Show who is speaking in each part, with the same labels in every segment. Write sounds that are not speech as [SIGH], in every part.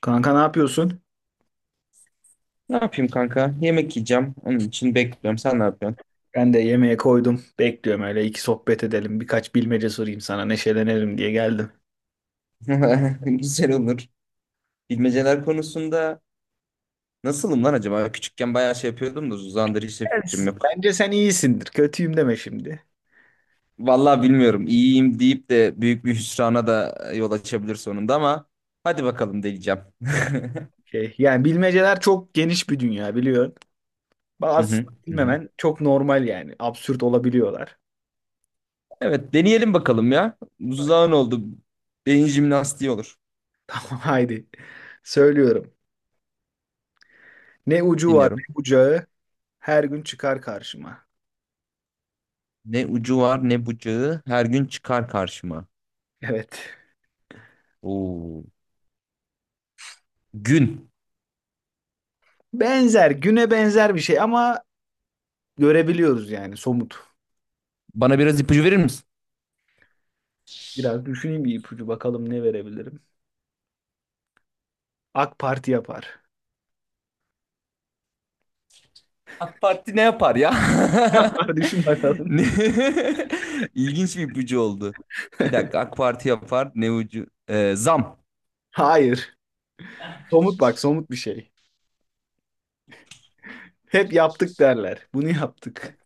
Speaker 1: Kanka ne yapıyorsun?
Speaker 2: Ne yapayım kanka? Yemek yiyeceğim. Onun için bekliyorum. Sen ne yapıyorsun?
Speaker 1: Ben de yemeğe koydum. Bekliyorum öyle iki sohbet edelim. Birkaç bilmece sorayım sana neşelenelim diye geldim.
Speaker 2: [LAUGHS] Güzel olur. Bilmeceler konusunda nasılım lan acaba? Küçükken bayağı şey yapıyordum da uzandır hiç de fikrim yok.
Speaker 1: Bence sen iyisindir. Kötüyüm deme şimdi.
Speaker 2: Vallahi bilmiyorum. İyiyim deyip de büyük bir hüsrana da yol açabilir sonunda ama hadi bakalım deneyeceğim. [LAUGHS]
Speaker 1: Yani bilmeceler çok geniş bir dünya biliyorsun.
Speaker 2: Hı
Speaker 1: Bazı
Speaker 2: hı, hı hı.
Speaker 1: bilmemen çok normal yani. Absürt olabiliyorlar.
Speaker 2: Evet deneyelim bakalım ya. Uzağın oldu. Beyin jimnastiği olur.
Speaker 1: [LAUGHS] Tamam haydi. Söylüyorum. Ne ucu var
Speaker 2: Dinliyorum.
Speaker 1: ne bucağı her gün çıkar karşıma.
Speaker 2: Ne ucu var ne bucağı her gün çıkar karşıma.
Speaker 1: Evet.
Speaker 2: Oo. Gün.
Speaker 1: Benzer güne benzer bir şey ama görebiliyoruz yani somut.
Speaker 2: Bana biraz ipucu verir misin?
Speaker 1: Biraz düşüneyim bir ipucu bakalım ne verebilirim. AK Parti yapar.
Speaker 2: AK Parti ne yapar ya? [LAUGHS]
Speaker 1: Var düşün bakalım.
Speaker 2: Ne? [LAUGHS] İlginç bir ipucu oldu. Bir dakika
Speaker 1: [LAUGHS]
Speaker 2: AK Parti yapar ne ucu? Zam.
Speaker 1: Hayır. Somut bak somut bir şey. Hep yaptık derler. Bunu yaptık.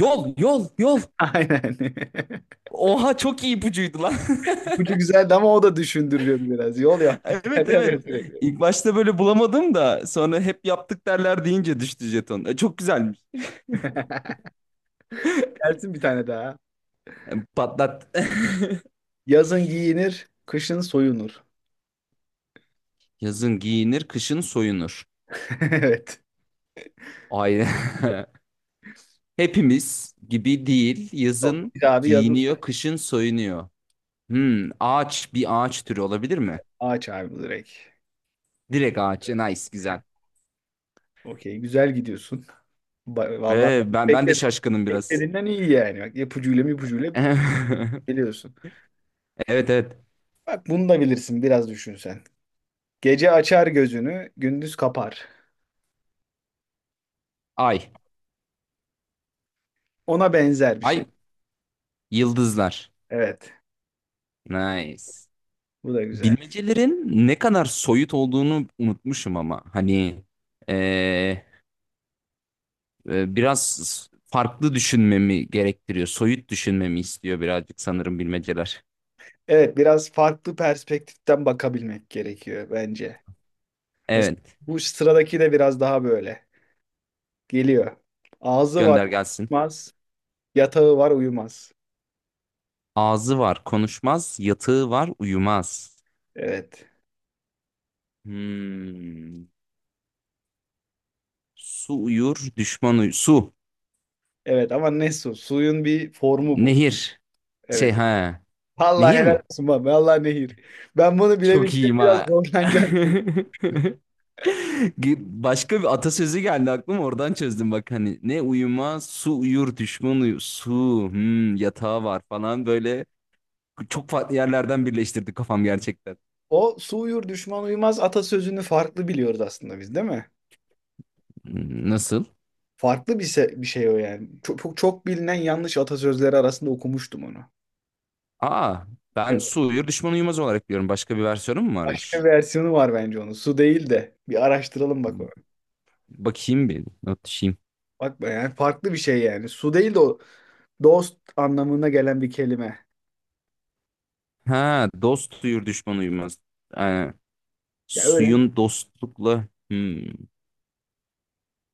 Speaker 2: Yol yol yol.
Speaker 1: [LAUGHS] Aynen. [LAUGHS]
Speaker 2: Oha çok iyi ipucuydu lan. [LAUGHS]
Speaker 1: İpucu güzeldi ama o da düşündürüyordu biraz. Yol yaptık [LAUGHS]
Speaker 2: Evet
Speaker 1: derler ya
Speaker 2: evet.
Speaker 1: sürekli.
Speaker 2: İlk başta böyle bulamadım da sonra hep yaptık derler deyince düştü jeton. Çok güzelmiş.
Speaker 1: [LAUGHS] Gelsin bir tane daha.
Speaker 2: Patlat.
Speaker 1: Yazın giyinir, kışın soyunur.
Speaker 2: [LAUGHS] Yazın giyinir, kışın soyunur.
Speaker 1: [LAUGHS] Evet.
Speaker 2: Aynen. [LAUGHS] Hepimiz gibi değil. Yazın
Speaker 1: Çok. Bir abi yazın
Speaker 2: giyiniyor,
Speaker 1: soyunur.
Speaker 2: kışın soyunuyor. Ağaç bir ağaç türü olabilir mi?
Speaker 1: Ağaç abi direkt.
Speaker 2: Direkt ağaç. Nice, güzel.
Speaker 1: Okey güzel gidiyorsun. Vallahi
Speaker 2: Ben de
Speaker 1: bekledim.
Speaker 2: şaşkınım biraz.
Speaker 1: Beklediğinden iyi yani. Bak ipucuyla
Speaker 2: [LAUGHS]
Speaker 1: biliyorsun.
Speaker 2: Evet evet.
Speaker 1: Bak bunu da bilirsin biraz düşün sen. Gece açar gözünü, gündüz kapar.
Speaker 2: Ay.
Speaker 1: Ona benzer bir şey.
Speaker 2: Ay yıldızlar.
Speaker 1: Evet,
Speaker 2: Nice.
Speaker 1: bu da güzel.
Speaker 2: Bilmecelerin ne kadar soyut olduğunu unutmuşum ama ee, biraz farklı düşünmemi gerektiriyor. Soyut düşünmemi istiyor birazcık sanırım bilmeceler.
Speaker 1: Evet, biraz farklı perspektiften bakabilmek gerekiyor bence. Mesela
Speaker 2: Evet,
Speaker 1: bu sıradaki de biraz daha böyle. Geliyor. Ağzı var
Speaker 2: gönder gelsin.
Speaker 1: konuşmaz, yatağı var uyumaz.
Speaker 2: Ağzı var, konuşmaz, yatığı var, uyumaz.
Speaker 1: Evet.
Speaker 2: Hmm. Su uyur, düşman uyur. Su,
Speaker 1: Evet ama ne su? Suyun bir formu bu.
Speaker 2: nehir. Şey
Speaker 1: Evet.
Speaker 2: ha.
Speaker 1: Allah
Speaker 2: Nehir
Speaker 1: helal
Speaker 2: mi?
Speaker 1: olsun baba. Allah nehir. Ben bunu
Speaker 2: Çok
Speaker 1: bilebilsem
Speaker 2: iyiyim
Speaker 1: biraz
Speaker 2: ha. [LAUGHS]
Speaker 1: zorlanacağım.
Speaker 2: Başka bir atasözü geldi aklıma oradan çözdüm bak hani ne uyuma su uyur düşman uyur su yatağı var falan böyle çok farklı yerlerden birleştirdi kafam gerçekten.
Speaker 1: O su uyur düşman uyumaz atasözünü farklı biliyoruz aslında biz değil mi?
Speaker 2: Hmm, nasıl?
Speaker 1: Bir şey o yani. Çok bilinen yanlış atasözleri arasında okumuştum onu.
Speaker 2: Aa, ben
Speaker 1: Evet,
Speaker 2: su uyur düşman uyumaz olarak biliyorum. Başka bir versiyonu mu
Speaker 1: başka bir
Speaker 2: varmış?
Speaker 1: versiyonu var bence onun. Su değil de. Bir araştıralım bak onu.
Speaker 2: Bakayım, bir not düşeyim.
Speaker 1: Bak be yani farklı bir şey yani. Su değil de o dost anlamına gelen bir kelime.
Speaker 2: Ha, dost uyur düşman uyumaz. Ee,
Speaker 1: Ya öyle.
Speaker 2: Suyun dostlukla. Hmm.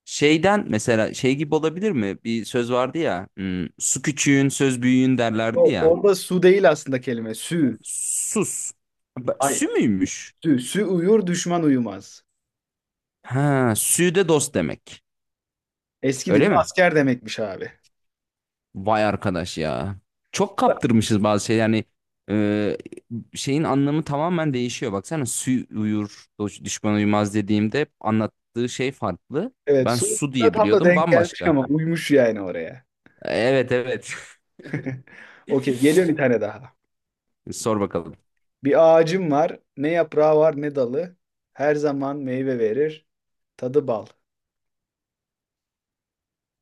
Speaker 2: Şeyden mesela şey gibi olabilir mi? Bir söz vardı ya. Hmm, su küçüğün söz büyüğün derlerdi
Speaker 1: O,
Speaker 2: ya.
Speaker 1: orada su değil aslında kelime. Sü.
Speaker 2: Sus. Ba-
Speaker 1: Hayır.
Speaker 2: Sü müymüş?
Speaker 1: Sü. Sü uyur düşman uyumaz.
Speaker 2: Ha, sü de dost demek.
Speaker 1: Eski
Speaker 2: Öyle
Speaker 1: dilde
Speaker 2: mi?
Speaker 1: asker demekmiş abi.
Speaker 2: Vay arkadaş ya. Çok kaptırmışız bazı şey yani e, şeyin anlamı tamamen değişiyor. Baksana sü uyur, dost- düşman uyumaz dediğimde hep anlattığı şey farklı.
Speaker 1: Evet
Speaker 2: Ben
Speaker 1: su
Speaker 2: su
Speaker 1: da
Speaker 2: diye
Speaker 1: tam da
Speaker 2: biliyordum
Speaker 1: denk gelmiş
Speaker 2: bambaşka.
Speaker 1: ama uymuş yani oraya.
Speaker 2: Evet evet.
Speaker 1: [LAUGHS] Okey geliyor bir tane daha.
Speaker 2: [LAUGHS] Sor bakalım.
Speaker 1: Bir ağacım var. Ne yaprağı var ne dalı. Her zaman meyve verir. Tadı bal.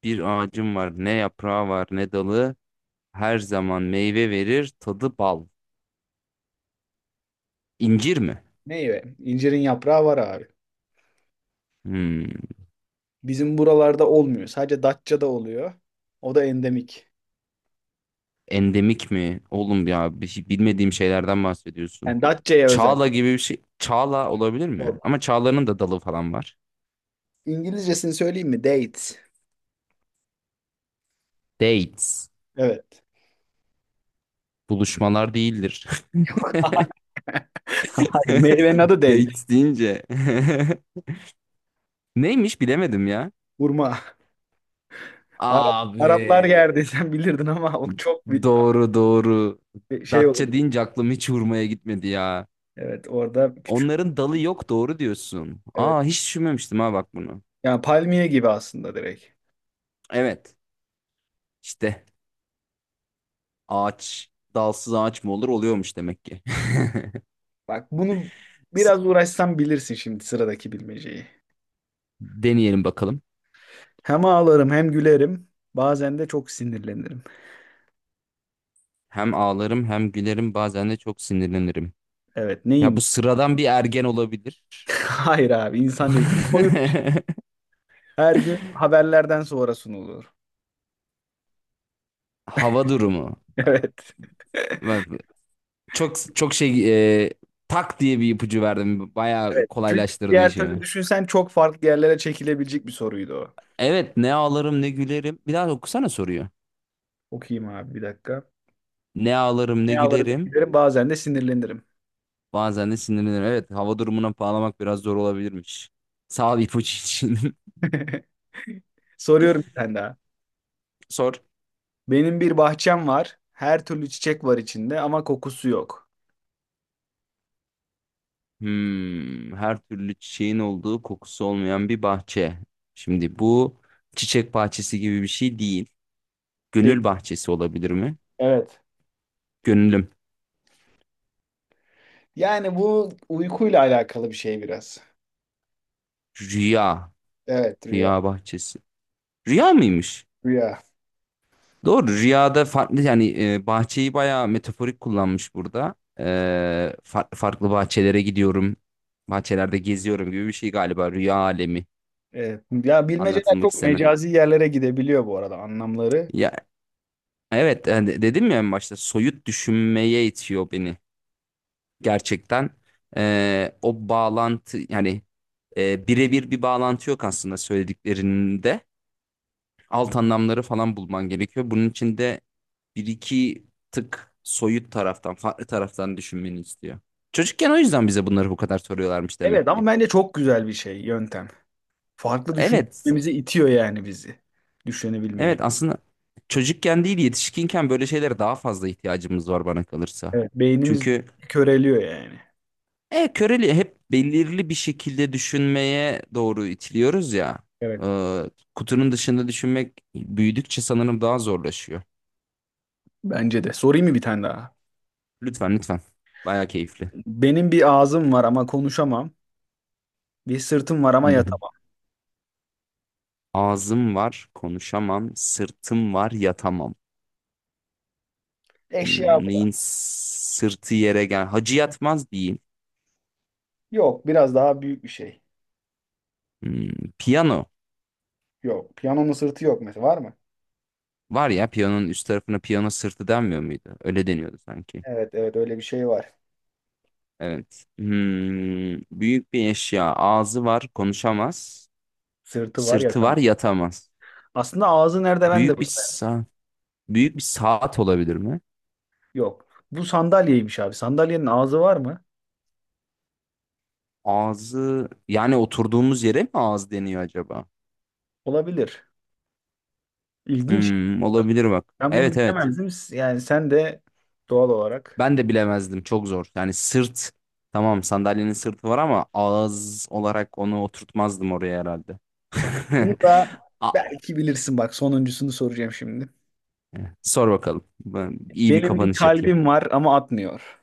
Speaker 2: Bir ağacım var, ne yaprağı var, ne dalı. Her zaman meyve verir, tadı bal. İncir mi?
Speaker 1: Meyve. İncirin yaprağı var abi.
Speaker 2: Hmm,
Speaker 1: Bizim buralarda olmuyor. Sadece Datça'da oluyor. O da endemik.
Speaker 2: endemik mi? Oğlum ya bir şey- bilmediğim şeylerden bahsediyorsun.
Speaker 1: Yani Datça'ya özel.
Speaker 2: Çağla gibi bir şey. Çağla olabilir mi?
Speaker 1: Yok.
Speaker 2: Ama çağlanın da dalı falan var.
Speaker 1: İngilizcesini söyleyeyim mi? Date.
Speaker 2: Dates.
Speaker 1: Evet.
Speaker 2: Buluşmalar değildir.
Speaker 1: Hayır, meyvenin
Speaker 2: [LAUGHS]
Speaker 1: adı date.
Speaker 2: Dates deyince. [LAUGHS] Neymiş bilemedim ya.
Speaker 1: Hurma. Araplar
Speaker 2: Abi.
Speaker 1: yerdi [LAUGHS] sen bilirdin ama o çok
Speaker 2: Doğru doğru.
Speaker 1: bir şey olur.
Speaker 2: Datça deyince aklım hiç hurmaya gitmedi ya.
Speaker 1: Evet, orada küçük.
Speaker 2: Onların dalı yok doğru diyorsun.
Speaker 1: Evet.
Speaker 2: Aa, hiç düşünmemiştim ha, bak bunu.
Speaker 1: Yani palmiye gibi aslında direkt.
Speaker 2: Evet işte ağaç, dalsız ağaç mı olur? Oluyormuş demek ki. [LAUGHS]
Speaker 1: Bak bunu biraz uğraşsam bilirsin şimdi sıradaki bilmeceyi.
Speaker 2: Deneyelim bakalım.
Speaker 1: Hem ağlarım hem gülerim. Bazen de çok sinirlenirim.
Speaker 2: Hem ağlarım hem gülerim, bazen de çok sinirlenirim.
Speaker 1: Evet
Speaker 2: Ya, bu
Speaker 1: neyim?
Speaker 2: sıradan bir ergen olabilir.
Speaker 1: [LAUGHS] Hayır abi insan değil. Koyulmuş.
Speaker 2: [LAUGHS]
Speaker 1: Her gün haberlerden sonra sunulur. [LAUGHS]
Speaker 2: Hava durumu.
Speaker 1: Evet.
Speaker 2: Bak, çok çok şey e, tak diye bir ipucu verdim. Bayağı
Speaker 1: Evet. Çünkü
Speaker 2: kolaylaştırdı
Speaker 1: diğer türlü
Speaker 2: işimi.
Speaker 1: düşünsen çok farklı yerlere çekilebilecek bir soruydu o.
Speaker 2: Evet, ne ağlarım ne gülerim. Bir daha okusana soruyor.
Speaker 1: Okuyayım abi bir dakika.
Speaker 2: Ne ağlarım ne
Speaker 1: Ne ağlarım ne
Speaker 2: gülerim.
Speaker 1: gülerim bazen de sinirlenirim.
Speaker 2: Bazen de sinirlenirim. Evet, hava durumuna bağlamak biraz zor olabilirmiş. Sağ ol ipucu için. [LAUGHS]
Speaker 1: [LAUGHS] Soruyorum bir tane daha.
Speaker 2: Sor.
Speaker 1: Benim bir bahçem var. Her türlü çiçek var içinde ama kokusu yok.
Speaker 2: Hmm, her türlü çiçeğin olduğu, kokusu olmayan bir bahçe. Şimdi bu çiçek bahçesi gibi bir şey değil.
Speaker 1: Değil.
Speaker 2: Gönül bahçesi olabilir mi?
Speaker 1: Evet.
Speaker 2: Gönlüm.
Speaker 1: Yani bu uykuyla alakalı bir şey biraz.
Speaker 2: Rüya.
Speaker 1: Evet rüya.
Speaker 2: Rüya bahçesi. Rüya mıymış?
Speaker 1: Rüya.
Speaker 2: Doğru. Rüyada farklı yani, bahçeyi bayağı metaforik kullanmış burada. Farklı farklı bahçelere gidiyorum. Bahçelerde geziyorum gibi bir şey galiba. Rüya alemi.
Speaker 1: Evet. Ya bilmeceler
Speaker 2: Anlatılmak
Speaker 1: çok
Speaker 2: istenen.
Speaker 1: mecazi yerlere gidebiliyor bu arada anlamları.
Speaker 2: Ya, evet, hani dedim ya en başta soyut düşünmeye itiyor beni gerçekten. O bağlantı yani birebir bir bağlantı yok aslında söylediklerinde. Alt anlamları falan bulman gerekiyor. Bunun için de bir iki tık soyut taraftan, farklı taraftan düşünmeni istiyor. Çocukken o yüzden bize bunları bu kadar soruyorlarmış
Speaker 1: Evet
Speaker 2: demek ki.
Speaker 1: ama bence çok güzel bir şey yöntem. Farklı
Speaker 2: Evet,
Speaker 1: düşünmemizi itiyor yani bizi. Düşünebilmeye.
Speaker 2: evet aslında çocukken değil yetişkinken böyle şeylere daha fazla ihtiyacımız var bana kalırsa.
Speaker 1: Evet. Beynimiz
Speaker 2: Çünkü
Speaker 1: köreliyor yani.
Speaker 2: Köreli hep belirli bir şekilde düşünmeye doğru itiliyoruz ya.
Speaker 1: Evet.
Speaker 2: Ee, kutunun dışında düşünmek büyüdükçe sanırım daha zorlaşıyor.
Speaker 1: Bence de. Sorayım mı bir tane daha?
Speaker 2: Lütfen lütfen. Baya keyifli.
Speaker 1: Benim bir ağzım var ama konuşamam. Bir sırtım var ama
Speaker 2: Hı hı.
Speaker 1: yatamam.
Speaker 2: Ağzım var, konuşamam. Sırtım var, yatamam.
Speaker 1: Eşya
Speaker 2: Hmm,
Speaker 1: bu da.
Speaker 2: neyin sırtı yere gel. Hacı yatmaz diyeyim.
Speaker 1: Yok biraz daha büyük bir şey.
Speaker 2: Hmm, piyano.
Speaker 1: Yok. Piyanonun sırtı yok mesela. Var mı?
Speaker 2: Var ya, piyanonun üst tarafına piyano sırtı denmiyor muydu? Öyle deniyordu sanki.
Speaker 1: Evet evet öyle bir şey var.
Speaker 2: Evet. Hmm, büyük bir eşya. Ağzı var, konuşamaz.
Speaker 1: Sırtı var
Speaker 2: Sırtı
Speaker 1: yatamam.
Speaker 2: var, yatamaz.
Speaker 1: Aslında ağzı nerede ben de
Speaker 2: Büyük bir
Speaker 1: bilmiyorum.
Speaker 2: sa büyük bir saat olabilir mi?
Speaker 1: Yok. Bu sandalyeymiş abi. Sandalyenin ağzı var mı?
Speaker 2: Ağzı yani oturduğumuz yere mi ağız deniyor acaba?
Speaker 1: Olabilir. İlginç.
Speaker 2: Hmm, olabilir bak.
Speaker 1: Ben bunu
Speaker 2: Evet evet.
Speaker 1: bilemezdim. Yani sen de doğal olarak.
Speaker 2: Ben de bilemezdim. Çok zor. Yani sırt, tamam sandalyenin sırtı var ama ağız olarak onu oturtmazdım oraya herhalde.
Speaker 1: Bak bunu da
Speaker 2: [LAUGHS] A-
Speaker 1: belki bilirsin. Bak sonuncusunu soracağım şimdi.
Speaker 2: Sor bakalım. Ben iyi bir
Speaker 1: Benim bir
Speaker 2: kapanış yapayım.
Speaker 1: kalbim var ama atmıyor.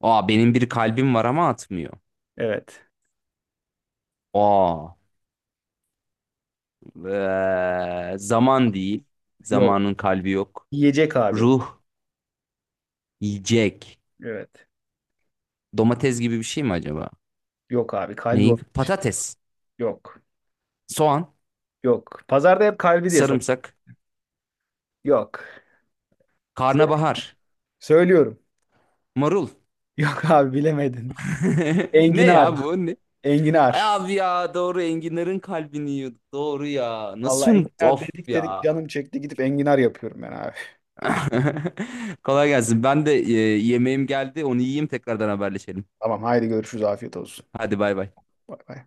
Speaker 2: Aa, benim bir kalbim var ama atmıyor.
Speaker 1: Evet.
Speaker 2: Aa zaman değil.
Speaker 1: Yok.
Speaker 2: Zamanın kalbi yok.
Speaker 1: Yiyecek abi. Bu.
Speaker 2: Ruh, yiyecek.
Speaker 1: Evet.
Speaker 2: Domates gibi bir şey mi acaba?
Speaker 1: Yok abi.
Speaker 2: Neyin? Patates,
Speaker 1: Yok.
Speaker 2: soğan,
Speaker 1: Yok. Pazarda hep kalbi diye satıyor.
Speaker 2: sarımsak,
Speaker 1: Yok. Sö-
Speaker 2: karnabahar,
Speaker 1: Söylüyorum.
Speaker 2: marul.
Speaker 1: [LAUGHS] Yok abi bilemedin.
Speaker 2: [LAUGHS] Ne
Speaker 1: Enginar.
Speaker 2: ya bu? Ne? Ay
Speaker 1: Enginar.
Speaker 2: abi ya doğru, enginlerin kalbini yiyordu. Doğru ya. Nasıl
Speaker 1: Vallahi
Speaker 2: unuttu?
Speaker 1: enginar
Speaker 2: Of
Speaker 1: dedik dedik
Speaker 2: ya.
Speaker 1: canım çekti gidip enginar yapıyorum ben abi.
Speaker 2: [LAUGHS] Kolay gelsin. Ben de yemeğim geldi. Onu yiyeyim, tekrardan haberleşelim.
Speaker 1: Tamam haydi görüşürüz afiyet olsun.
Speaker 2: Hadi bay bay.
Speaker 1: Bay bay.